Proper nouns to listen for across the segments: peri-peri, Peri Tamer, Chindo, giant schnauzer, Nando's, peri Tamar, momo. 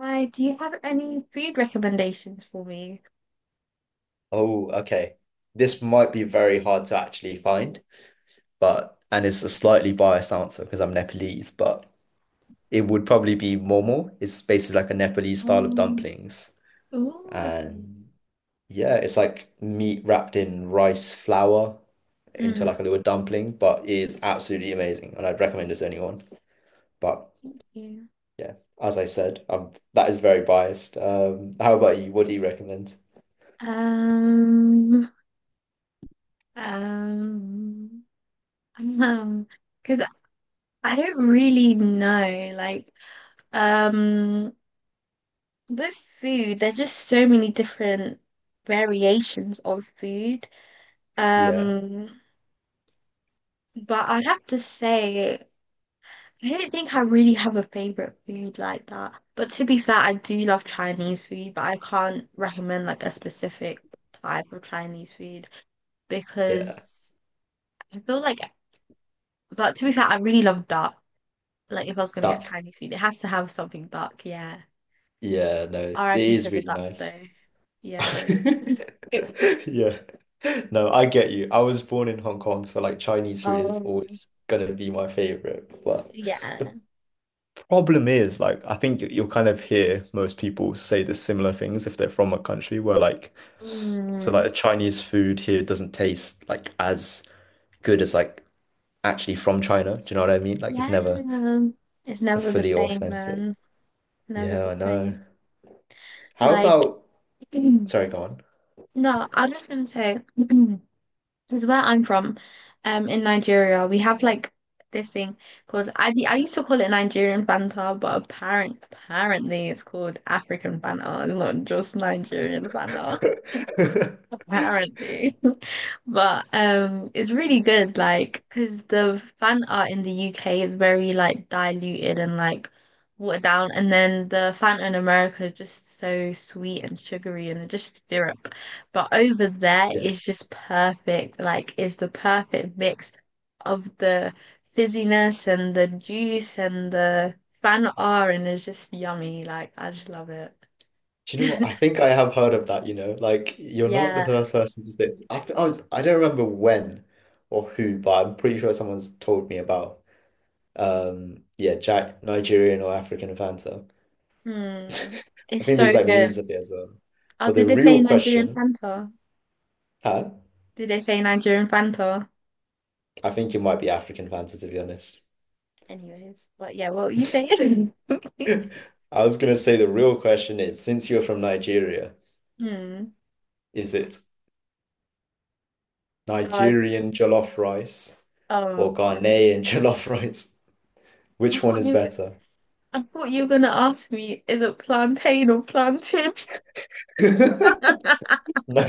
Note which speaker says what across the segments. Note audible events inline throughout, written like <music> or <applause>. Speaker 1: Hi, do you have any food recommendations for me?
Speaker 2: Oh, okay. This might be very hard to actually find, but and it's a slightly biased answer because I'm Nepalese, but it would probably be momo. It's basically like a Nepalese style of
Speaker 1: Um,
Speaker 2: dumplings.
Speaker 1: Ooh, okay.
Speaker 2: And yeah, it's like meat wrapped in rice flour into
Speaker 1: Mm,
Speaker 2: like a little dumpling, but it is absolutely amazing. And I'd recommend this to anyone. But
Speaker 1: thank you.
Speaker 2: yeah, as I said, that is very biased. How about you? What do you recommend?
Speaker 1: Um, um, <laughs> um, because I don't really know. Um, with food, there's just so many different variations of food.
Speaker 2: Yeah,
Speaker 1: Um, but I'd have to say. I don't think I really have a favorite food like that. But to be fair, I do love Chinese food, but I can't recommend like a specific type of Chinese food
Speaker 2: yeah.
Speaker 1: because I feel like, but to be fair, I really love duck. Like if I was gonna get
Speaker 2: Duck.
Speaker 1: Chinese food, it has to have something duck. Yeah.
Speaker 2: Yeah, no, it
Speaker 1: RIP to
Speaker 2: is
Speaker 1: the
Speaker 2: really
Speaker 1: ducks
Speaker 2: nice.
Speaker 1: though. Yeah.
Speaker 2: <laughs>
Speaker 1: <laughs>
Speaker 2: Yeah. No, I get you. I was born in Hong Kong, so like Chinese food is
Speaker 1: Oh,
Speaker 2: always gonna be my favorite. But
Speaker 1: yeah.
Speaker 2: the problem is, like, I think you'll kind of hear most people say the similar things if they're from a country where like, so
Speaker 1: Mm,
Speaker 2: like the Chinese food here doesn't taste like as good as like actually from China. Do you know what I mean? Like, it's
Speaker 1: yeah.
Speaker 2: never
Speaker 1: It's never the
Speaker 2: fully
Speaker 1: same,
Speaker 2: authentic.
Speaker 1: man. Never
Speaker 2: Yeah,
Speaker 1: the
Speaker 2: I
Speaker 1: same.
Speaker 2: know. How
Speaker 1: Like,
Speaker 2: about,
Speaker 1: <clears throat>
Speaker 2: sorry, go
Speaker 1: no, I was just gonna say, <clears throat> because where I'm from, in Nigeria, we have like this thing called I used to call it Nigerian banter, but apparently it's called African banter. It's not just Nigerian banter
Speaker 2: on.
Speaker 1: apparently. <laughs> But it's really good like because the fan art in the UK is very like diluted and like watered down, and then the fan art in America is just so sweet and sugary and just syrup. But over there
Speaker 2: <laughs> Yeah.
Speaker 1: it's just perfect. Like it's the perfect mix of the fizziness and the juice and the fan art, and it's just yummy. Like I just love it.
Speaker 2: Do you know what? I
Speaker 1: <laughs>
Speaker 2: think I have heard of that, you know, like you're not the
Speaker 1: Yeah.
Speaker 2: first person to say it. I, think I was I don't remember when or who, but I'm pretty sure someone's told me about yeah, Jack Nigerian or African Fanta. <laughs>
Speaker 1: Hmm.
Speaker 2: I
Speaker 1: It's
Speaker 2: think
Speaker 1: so
Speaker 2: there's like
Speaker 1: good.
Speaker 2: memes of it as well.
Speaker 1: Oh,
Speaker 2: But
Speaker 1: did
Speaker 2: the
Speaker 1: they say
Speaker 2: real
Speaker 1: Nigerian
Speaker 2: question,
Speaker 1: Fanta?
Speaker 2: huh?
Speaker 1: Did they say Nigerian Fanta?
Speaker 2: I think it might be African Fanta to be honest. <laughs>
Speaker 1: Anyways, but yeah, what were you saying? <laughs>
Speaker 2: I was gonna say the real question is, since you're from Nigeria,
Speaker 1: Hmm.
Speaker 2: is it
Speaker 1: God.
Speaker 2: Nigerian jollof rice
Speaker 1: Oh,
Speaker 2: or
Speaker 1: okay.
Speaker 2: Ghanaian <laughs> jollof rice?
Speaker 1: I
Speaker 2: Which one
Speaker 1: thought
Speaker 2: is
Speaker 1: you.
Speaker 2: better?
Speaker 1: I thought you were gonna ask me, is it plantain or plantain?
Speaker 2: <laughs>
Speaker 1: <laughs>
Speaker 2: No,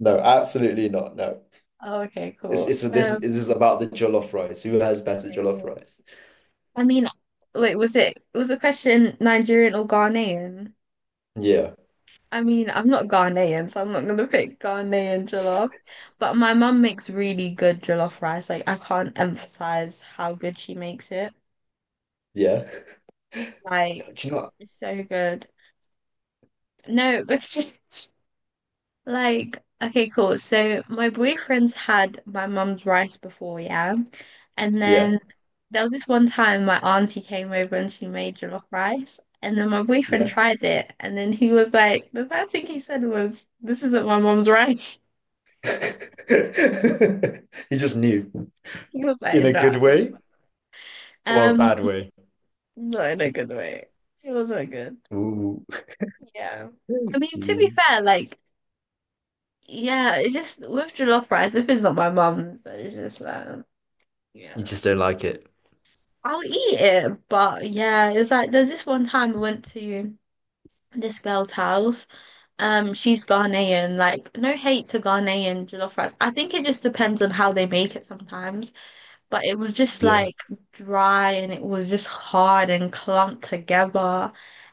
Speaker 2: no, absolutely not. No,
Speaker 1: Oh, okay,
Speaker 2: it's
Speaker 1: cool.
Speaker 2: it's this is about the jollof rice. Who has better
Speaker 1: Okay,
Speaker 2: jollof
Speaker 1: cool.
Speaker 2: rice?
Speaker 1: I mean, wait, was the question Nigerian or Ghanaian?
Speaker 2: Yeah,
Speaker 1: I mean, I'm not Ghanaian, so I'm not gonna pick Ghanaian jollof. But my mum makes really good jollof rice. Like I can't emphasize how good she makes it.
Speaker 2: yeah.
Speaker 1: Like
Speaker 2: Do you know what?
Speaker 1: it's so good. No, <laughs> because like okay, cool. So my boyfriend's had my mum's rice before, yeah. And
Speaker 2: Yeah,
Speaker 1: then there was this one time my auntie came over and she made jollof rice. And then my boyfriend
Speaker 2: yeah.
Speaker 1: tried it, and then he was like, the first thing he said was, "This isn't my mum's rice."
Speaker 2: <laughs> You just knew.
Speaker 1: He was
Speaker 2: In
Speaker 1: like,
Speaker 2: a
Speaker 1: no,
Speaker 2: good
Speaker 1: this is
Speaker 2: way or a
Speaker 1: um,
Speaker 2: bad way?
Speaker 1: not in a good way. It wasn't good.
Speaker 2: Ooh,
Speaker 1: Yeah. I mean, to be
Speaker 2: jeez.
Speaker 1: fair, like, yeah, it just with jollof rice, if it's not my mum's, it's just like,
Speaker 2: You
Speaker 1: yeah,
Speaker 2: just don't like it.
Speaker 1: I'll eat it. But yeah, it's like there's this one time I went to this girl's house. She's Ghanaian. Like, no hate to Ghanaian jollof rice. I think it just depends on how they make it sometimes. But it was just
Speaker 2: Yeah.
Speaker 1: like dry, and it was just hard and clumped together.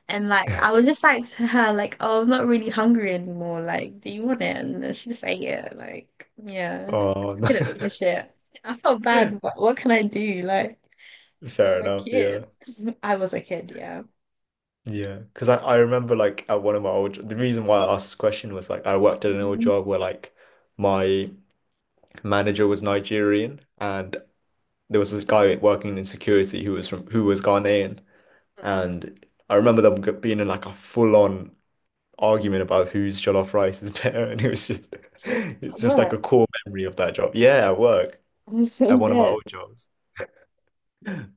Speaker 1: And like I was just like <laughs> to her, like, oh, I'm not really hungry anymore. Like, do you want it? And then she just ate it. Like, yeah, I
Speaker 2: Oh,
Speaker 1: just
Speaker 2: no.
Speaker 1: couldn't finish it. I felt bad, but what can I do? Like,
Speaker 2: <laughs> Fair
Speaker 1: I'm a
Speaker 2: enough.
Speaker 1: kid.
Speaker 2: Yeah.
Speaker 1: <laughs> I was a kid, yeah.
Speaker 2: Yeah. Because I remember like at one of my old, the reason why I asked this question was like I worked at an old
Speaker 1: Mhm.
Speaker 2: job where like my manager was Nigerian, and there was this guy working in security who was from who was Ghanaian, and I remember being in like a full-on argument about whose jollof rice is <laughs> better, and it was just <laughs>
Speaker 1: At
Speaker 2: it's just like
Speaker 1: work,
Speaker 2: a core memory of that job. Yeah, at work
Speaker 1: I'm so
Speaker 2: at one of my
Speaker 1: dead.
Speaker 2: old jobs,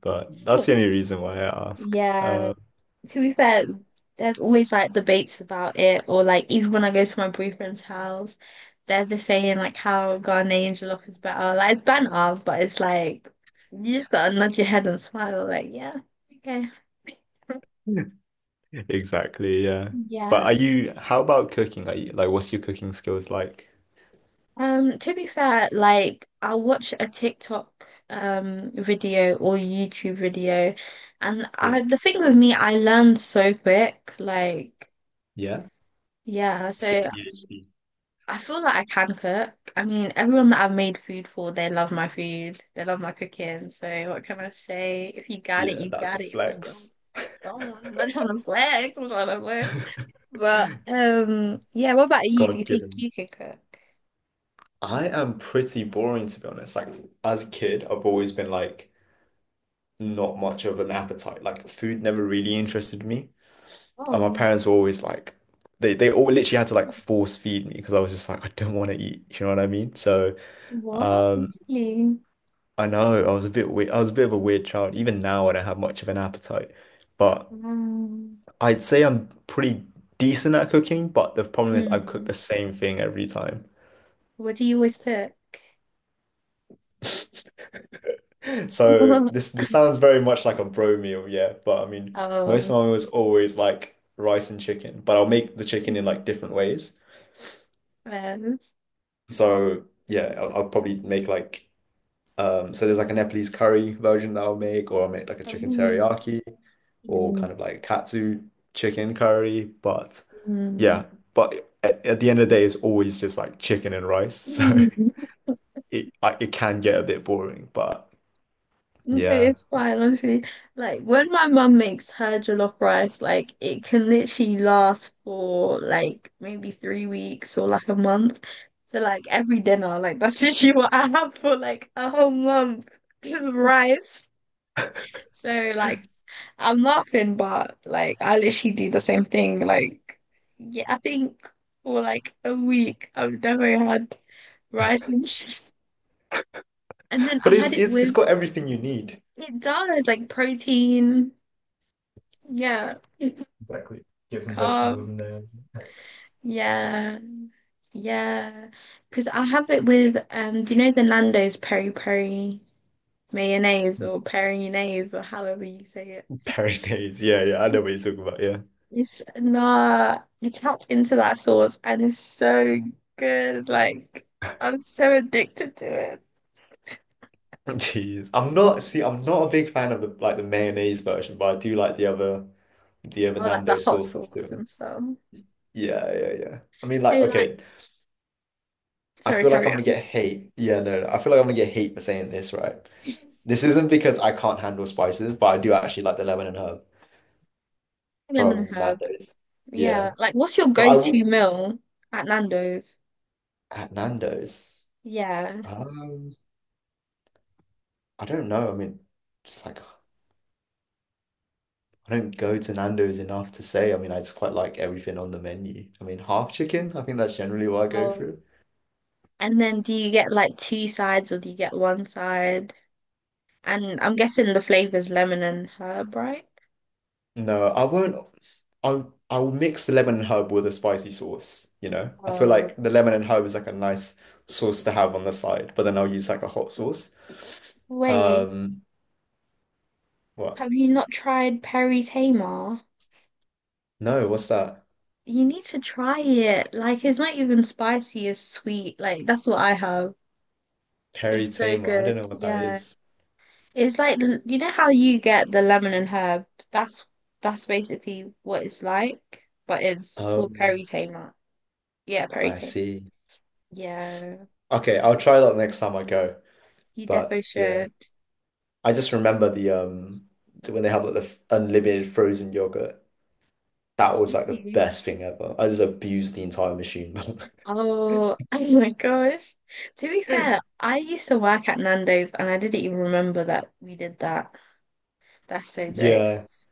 Speaker 2: but that's the only
Speaker 1: <laughs>
Speaker 2: reason why I ask.
Speaker 1: Yeah. To be fair, there's always like debates about it, or like even when I go to my boyfriend's house, they're just saying like how Ghanaian jollof is better. Like it's banter, but it's like you just gotta nod your head and smile. Like yeah, okay,
Speaker 2: <laughs> Exactly, yeah. But
Speaker 1: yeah.
Speaker 2: are you? How about cooking? Are you like? What's your cooking skills like?
Speaker 1: To be fair, like I watch a TikTok video or YouTube video, and
Speaker 2: Yeah,
Speaker 1: I the thing with me, I learn so quick. Like
Speaker 2: yeah.
Speaker 1: yeah,
Speaker 2: Stay
Speaker 1: so
Speaker 2: PhD.
Speaker 1: I feel like I can cook. I mean, everyone that I've made food for, they love my food. They love my cooking. So what can I say? If you got it,
Speaker 2: Yeah,
Speaker 1: you
Speaker 2: that's a
Speaker 1: got it. If you don't,
Speaker 2: flex.
Speaker 1: you don't. I'm not trying to flex. I'm not trying to flex.
Speaker 2: <laughs>
Speaker 1: But yeah. What about you? Do you
Speaker 2: God
Speaker 1: think
Speaker 2: given.
Speaker 1: you can cook?
Speaker 2: I am pretty boring to be honest. Like as a kid, I've always been like not much of an appetite. Like food never really interested me. And my
Speaker 1: Oh,
Speaker 2: parents were always like they all literally had to like force feed me because I was just like I don't want to eat. You know what I mean? So
Speaker 1: what?
Speaker 2: um
Speaker 1: Really?
Speaker 2: I know I was a bit weird. I was a bit of a weird child. Even now I don't have much of an appetite. But
Speaker 1: Um,
Speaker 2: I'd say I'm pretty decent at cooking, but the problem is I cook
Speaker 1: hmm.
Speaker 2: the same thing every time.
Speaker 1: What do you always cook?
Speaker 2: <laughs> So this
Speaker 1: <laughs>
Speaker 2: this sounds very much like a bro meal, yeah. But I mean, most
Speaker 1: Oh,
Speaker 2: of mine was always like rice and chicken, but I'll make the chicken in like different ways.
Speaker 1: yes.
Speaker 2: So yeah, I'll probably make like so there's like a Nepalese curry version that I'll make, or I'll make like a chicken
Speaker 1: Oh.
Speaker 2: teriyaki, or
Speaker 1: Mm.
Speaker 2: kind of like katsu chicken curry. But yeah, but at the end of the day, it's always just like chicken and rice. <laughs> So
Speaker 1: Mm. <laughs>
Speaker 2: it like it can get a bit boring, but
Speaker 1: No,
Speaker 2: yeah,
Speaker 1: it's fine, honestly. Like when my mum makes her jollof rice, like it can literally last for like maybe three weeks or like a month. So like every dinner, like that's <laughs> literally what I have for like a whole month. Just rice. So like I'm laughing, but like I literally do the same thing. Like yeah, I think for like a week I've never had rice and <laughs> cheese. And then I
Speaker 2: but
Speaker 1: had
Speaker 2: it's
Speaker 1: it
Speaker 2: it's it's
Speaker 1: with
Speaker 2: got everything you need.
Speaker 1: it does like protein. Yeah. <laughs>
Speaker 2: Exactly. Get some vegetables
Speaker 1: Calm.
Speaker 2: in there. <laughs>
Speaker 1: Yeah. Yeah. Because I have it with, do you know the Nando's peri peri mayonnaise or peri-nase or however you say it?
Speaker 2: Mayonnaise, yeah, yeah, I know what you're talking about, yeah.
Speaker 1: It's nah, you tapped into that sauce and it's so good. Like, I'm so addicted to it.
Speaker 2: <laughs> Jeez, I'm not, see, I'm not a big fan of the like the mayonnaise version, but I do like the other
Speaker 1: Or like the
Speaker 2: Nando
Speaker 1: hot
Speaker 2: sauces
Speaker 1: sauce
Speaker 2: to it.
Speaker 1: and stuff.
Speaker 2: Yeah, yeah, yeah. I mean,
Speaker 1: So
Speaker 2: like,
Speaker 1: like,
Speaker 2: okay, I
Speaker 1: sorry,
Speaker 2: feel like
Speaker 1: carry
Speaker 2: I'm gonna
Speaker 1: on.
Speaker 2: get hate. Yeah, no, no, I feel like I'm gonna get hate for saying this, right?
Speaker 1: <laughs>
Speaker 2: This isn't because I can't handle spices, but I do actually like the lemon and herb
Speaker 1: Lemon and
Speaker 2: from
Speaker 1: herb.
Speaker 2: Nando's.
Speaker 1: Yeah.
Speaker 2: Yeah,
Speaker 1: Like, what's your
Speaker 2: but I
Speaker 1: go-to
Speaker 2: w
Speaker 1: meal at Nando's?
Speaker 2: at Nando's,
Speaker 1: Yeah.
Speaker 2: um, I don't know. I mean, just like I don't go to Nando's enough to say. I mean, I just quite like everything on the menu. I mean, half chicken, I think that's generally what I go
Speaker 1: Oh.
Speaker 2: for.
Speaker 1: And then do you get like two sides or do you get one side? And I'm guessing the flavor's lemon and herb, right?
Speaker 2: No, I won't. I I'll mix the lemon and herb with a spicy sauce, you know? I feel
Speaker 1: Oh,
Speaker 2: like the lemon and herb is like a nice sauce to have on the side, but then I'll use like a hot sauce.
Speaker 1: wait,
Speaker 2: Um, what?
Speaker 1: have you not tried peri Tamar?
Speaker 2: No, what's that?
Speaker 1: You need to try it. Like it's not even spicy, it's sweet. Like that's what I have.
Speaker 2: Peri
Speaker 1: It's so
Speaker 2: Tamer. I don't
Speaker 1: good.
Speaker 2: know what that
Speaker 1: Yeah.
Speaker 2: is.
Speaker 1: It's like you know how you get the lemon and herb? That's basically what it's like, but it's called
Speaker 2: Um,
Speaker 1: peri Tamar. Yeah, peri
Speaker 2: I
Speaker 1: Tamar.
Speaker 2: see.
Speaker 1: Yeah.
Speaker 2: Okay, I'll try that next time I go.
Speaker 1: You definitely
Speaker 2: But yeah.
Speaker 1: should.
Speaker 2: I just remember the when they have like the unlimited frozen yogurt. That was like the
Speaker 1: Really?
Speaker 2: best thing ever. I just abused the entire machine. <laughs>
Speaker 1: Oh, <laughs> oh my gosh. To be fair, I used to work at Nando's and I didn't even remember that we did that. That's so
Speaker 2: Yeah,
Speaker 1: jokes.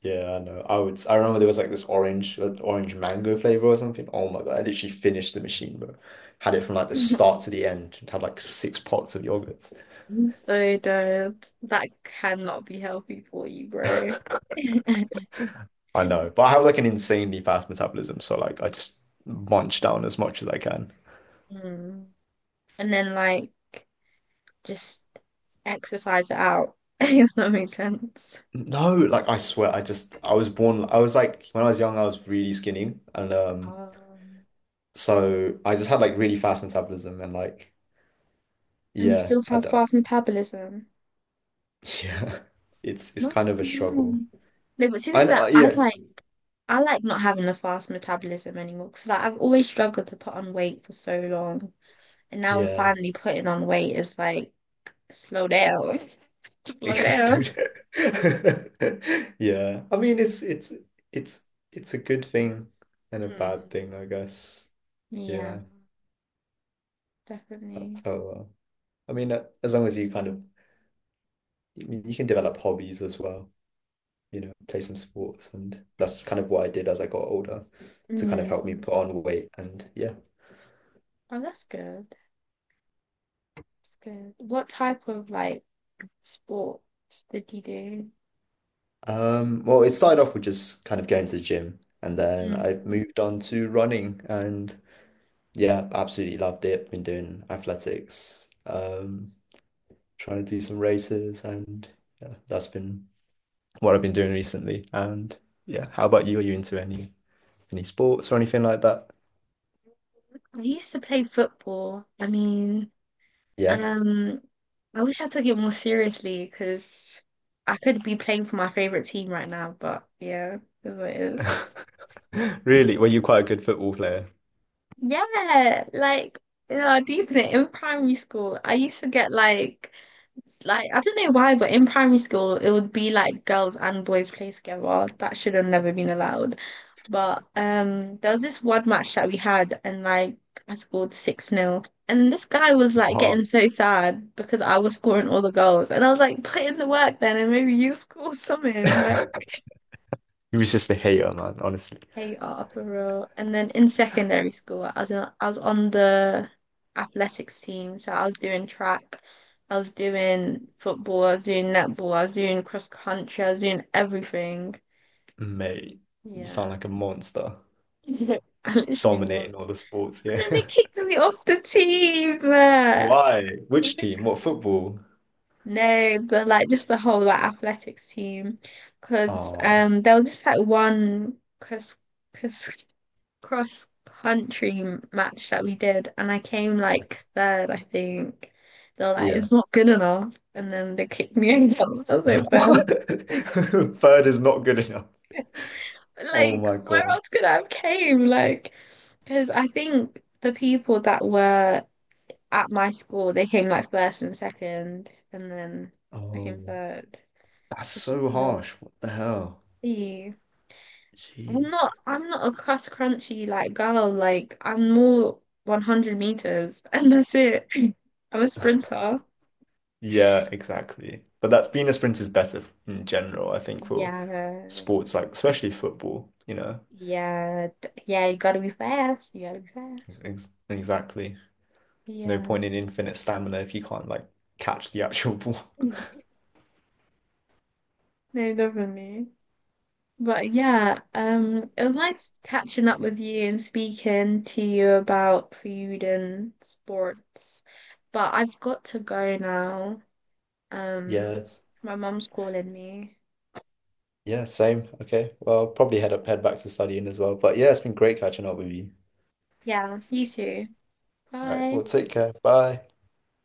Speaker 2: yeah, I know. I would. I remember there was like this orange, orange mango flavor or something. Oh my God, I literally finished the machine, bro. Had it from like the
Speaker 1: <laughs> I'm
Speaker 2: start to the end and had like 6 pots of yogurts.
Speaker 1: so dead. That cannot be healthy for you, bro.
Speaker 2: <laughs>
Speaker 1: <laughs>
Speaker 2: I know, but I have like an insanely fast metabolism, so like I just munch down as much as I can.
Speaker 1: Mm. And then like just exercise it out, <laughs> if that makes sense.
Speaker 2: No, like I swear, I was born. I was like when I was young, I was really skinny, and
Speaker 1: Um,
Speaker 2: so I just had like really fast metabolism, and like
Speaker 1: and you
Speaker 2: yeah,
Speaker 1: still
Speaker 2: I
Speaker 1: have
Speaker 2: don't.
Speaker 1: fast metabolism.
Speaker 2: <laughs> Yeah, it's
Speaker 1: Must
Speaker 2: kind
Speaker 1: be
Speaker 2: of a
Speaker 1: nice.
Speaker 2: struggle.
Speaker 1: No, but to be
Speaker 2: I know,
Speaker 1: fair,
Speaker 2: yeah,
Speaker 1: I like not having a fast metabolism anymore because like, I've always struggled to put on weight for so long, and now I'm
Speaker 2: yeah.
Speaker 1: finally putting on weight. It's like slow down, <laughs>
Speaker 2: <laughs> I
Speaker 1: slow
Speaker 2: guess
Speaker 1: down.
Speaker 2: <laughs> Yeah, I mean it's it's a good thing and a bad
Speaker 1: Mm.
Speaker 2: thing, I guess.
Speaker 1: Yeah,
Speaker 2: Yeah. Oh
Speaker 1: definitely.
Speaker 2: well. I mean, as long as you kind of you can develop hobbies as well. You know, play some sports. And that's kind of what I did as I got older to kind of
Speaker 1: Mm.
Speaker 2: help me put on weight. And yeah.
Speaker 1: Oh, that's good. That's good. What type of like sports did you do?
Speaker 2: Well, it started off with just kind of going to the gym and then I
Speaker 1: Mm.
Speaker 2: moved on to running and yeah, absolutely loved it. Been doing athletics, trying to do some races and yeah, that's been what I've been doing recently. And yeah, how about you? Are you into any sports or anything like that?
Speaker 1: I used to play football. I mean.
Speaker 2: Yeah.
Speaker 1: Um, I wish I took it more seriously because I could be playing for my favorite team right now, but yeah, it is what it is.
Speaker 2: <laughs> Really? Were you quite a good football player?
Speaker 1: Yeah, like, you know, deep in it, in primary school, I used to get like I don't know why, but in primary school it would be like girls and boys play together. That should have never been allowed. But there was this one match that we had, and like I scored 6 nil. And this guy was like
Speaker 2: What?
Speaker 1: getting so sad because I was scoring all the goals. And I was like, put in the work then and maybe you <laughs> score something. Like
Speaker 2: <laughs> He was just a hater, man, honestly.
Speaker 1: Hey Attleboro. And then in secondary school, I was on the athletics team. So I was doing track, I was doing football, I was doing netball, I was doing cross country, I was doing everything.
Speaker 2: Mate, you
Speaker 1: Yeah.
Speaker 2: sound like a monster.
Speaker 1: <laughs> I
Speaker 2: Just
Speaker 1: literally was.
Speaker 2: dominating all the sports,
Speaker 1: But then
Speaker 2: yeah.
Speaker 1: they
Speaker 2: <laughs>
Speaker 1: kicked me off the team. I
Speaker 2: Why? Which
Speaker 1: think
Speaker 2: team? What football?
Speaker 1: No, but like just the whole like athletics team, because
Speaker 2: Ah,
Speaker 1: there was this like one cross cross country match that we did, and I came
Speaker 2: yeah.
Speaker 1: like third, I think. They're like,
Speaker 2: Yeah.
Speaker 1: it's not good enough, and then they kicked me out. <laughs> I was like,
Speaker 2: <laughs>
Speaker 1: "Well,"
Speaker 2: What? <laughs> Third is not good enough. Oh
Speaker 1: like
Speaker 2: my
Speaker 1: where
Speaker 2: God.
Speaker 1: else could I have came? Like, because I think the people that were at my school, they came like first and second, and then I came
Speaker 2: Oh,
Speaker 1: third.
Speaker 2: that's so
Speaker 1: You know.
Speaker 2: harsh. What the hell?
Speaker 1: Yeah.
Speaker 2: Jeez.
Speaker 1: I'm not a cross crunchy like girl. Like I'm more 100 meters <laughs> and that's it. <laughs> I'm a
Speaker 2: <laughs>
Speaker 1: sprinter.
Speaker 2: Yeah, exactly. But that being a sprint is better in general, I think, for
Speaker 1: Yeah.
Speaker 2: sports like especially football, you know.
Speaker 1: Yeah. Yeah, you gotta be fast. You gotta be fast.
Speaker 2: Ex Exactly. No
Speaker 1: Yeah.
Speaker 2: point in infinite stamina if you can't like catch the actual ball. <laughs>
Speaker 1: Mm. No, definitely. But yeah, it was nice catching up with you and speaking to you about food and sports. But I've got to go now. Um,
Speaker 2: Yeah,
Speaker 1: my mum's calling me.
Speaker 2: yeah, same. Okay. Well, I'll probably head up, head back to studying as well. But yeah, it's been great catching up with you.
Speaker 1: Yeah, you too.
Speaker 2: All right.
Speaker 1: Bye.
Speaker 2: Well, take care. Bye.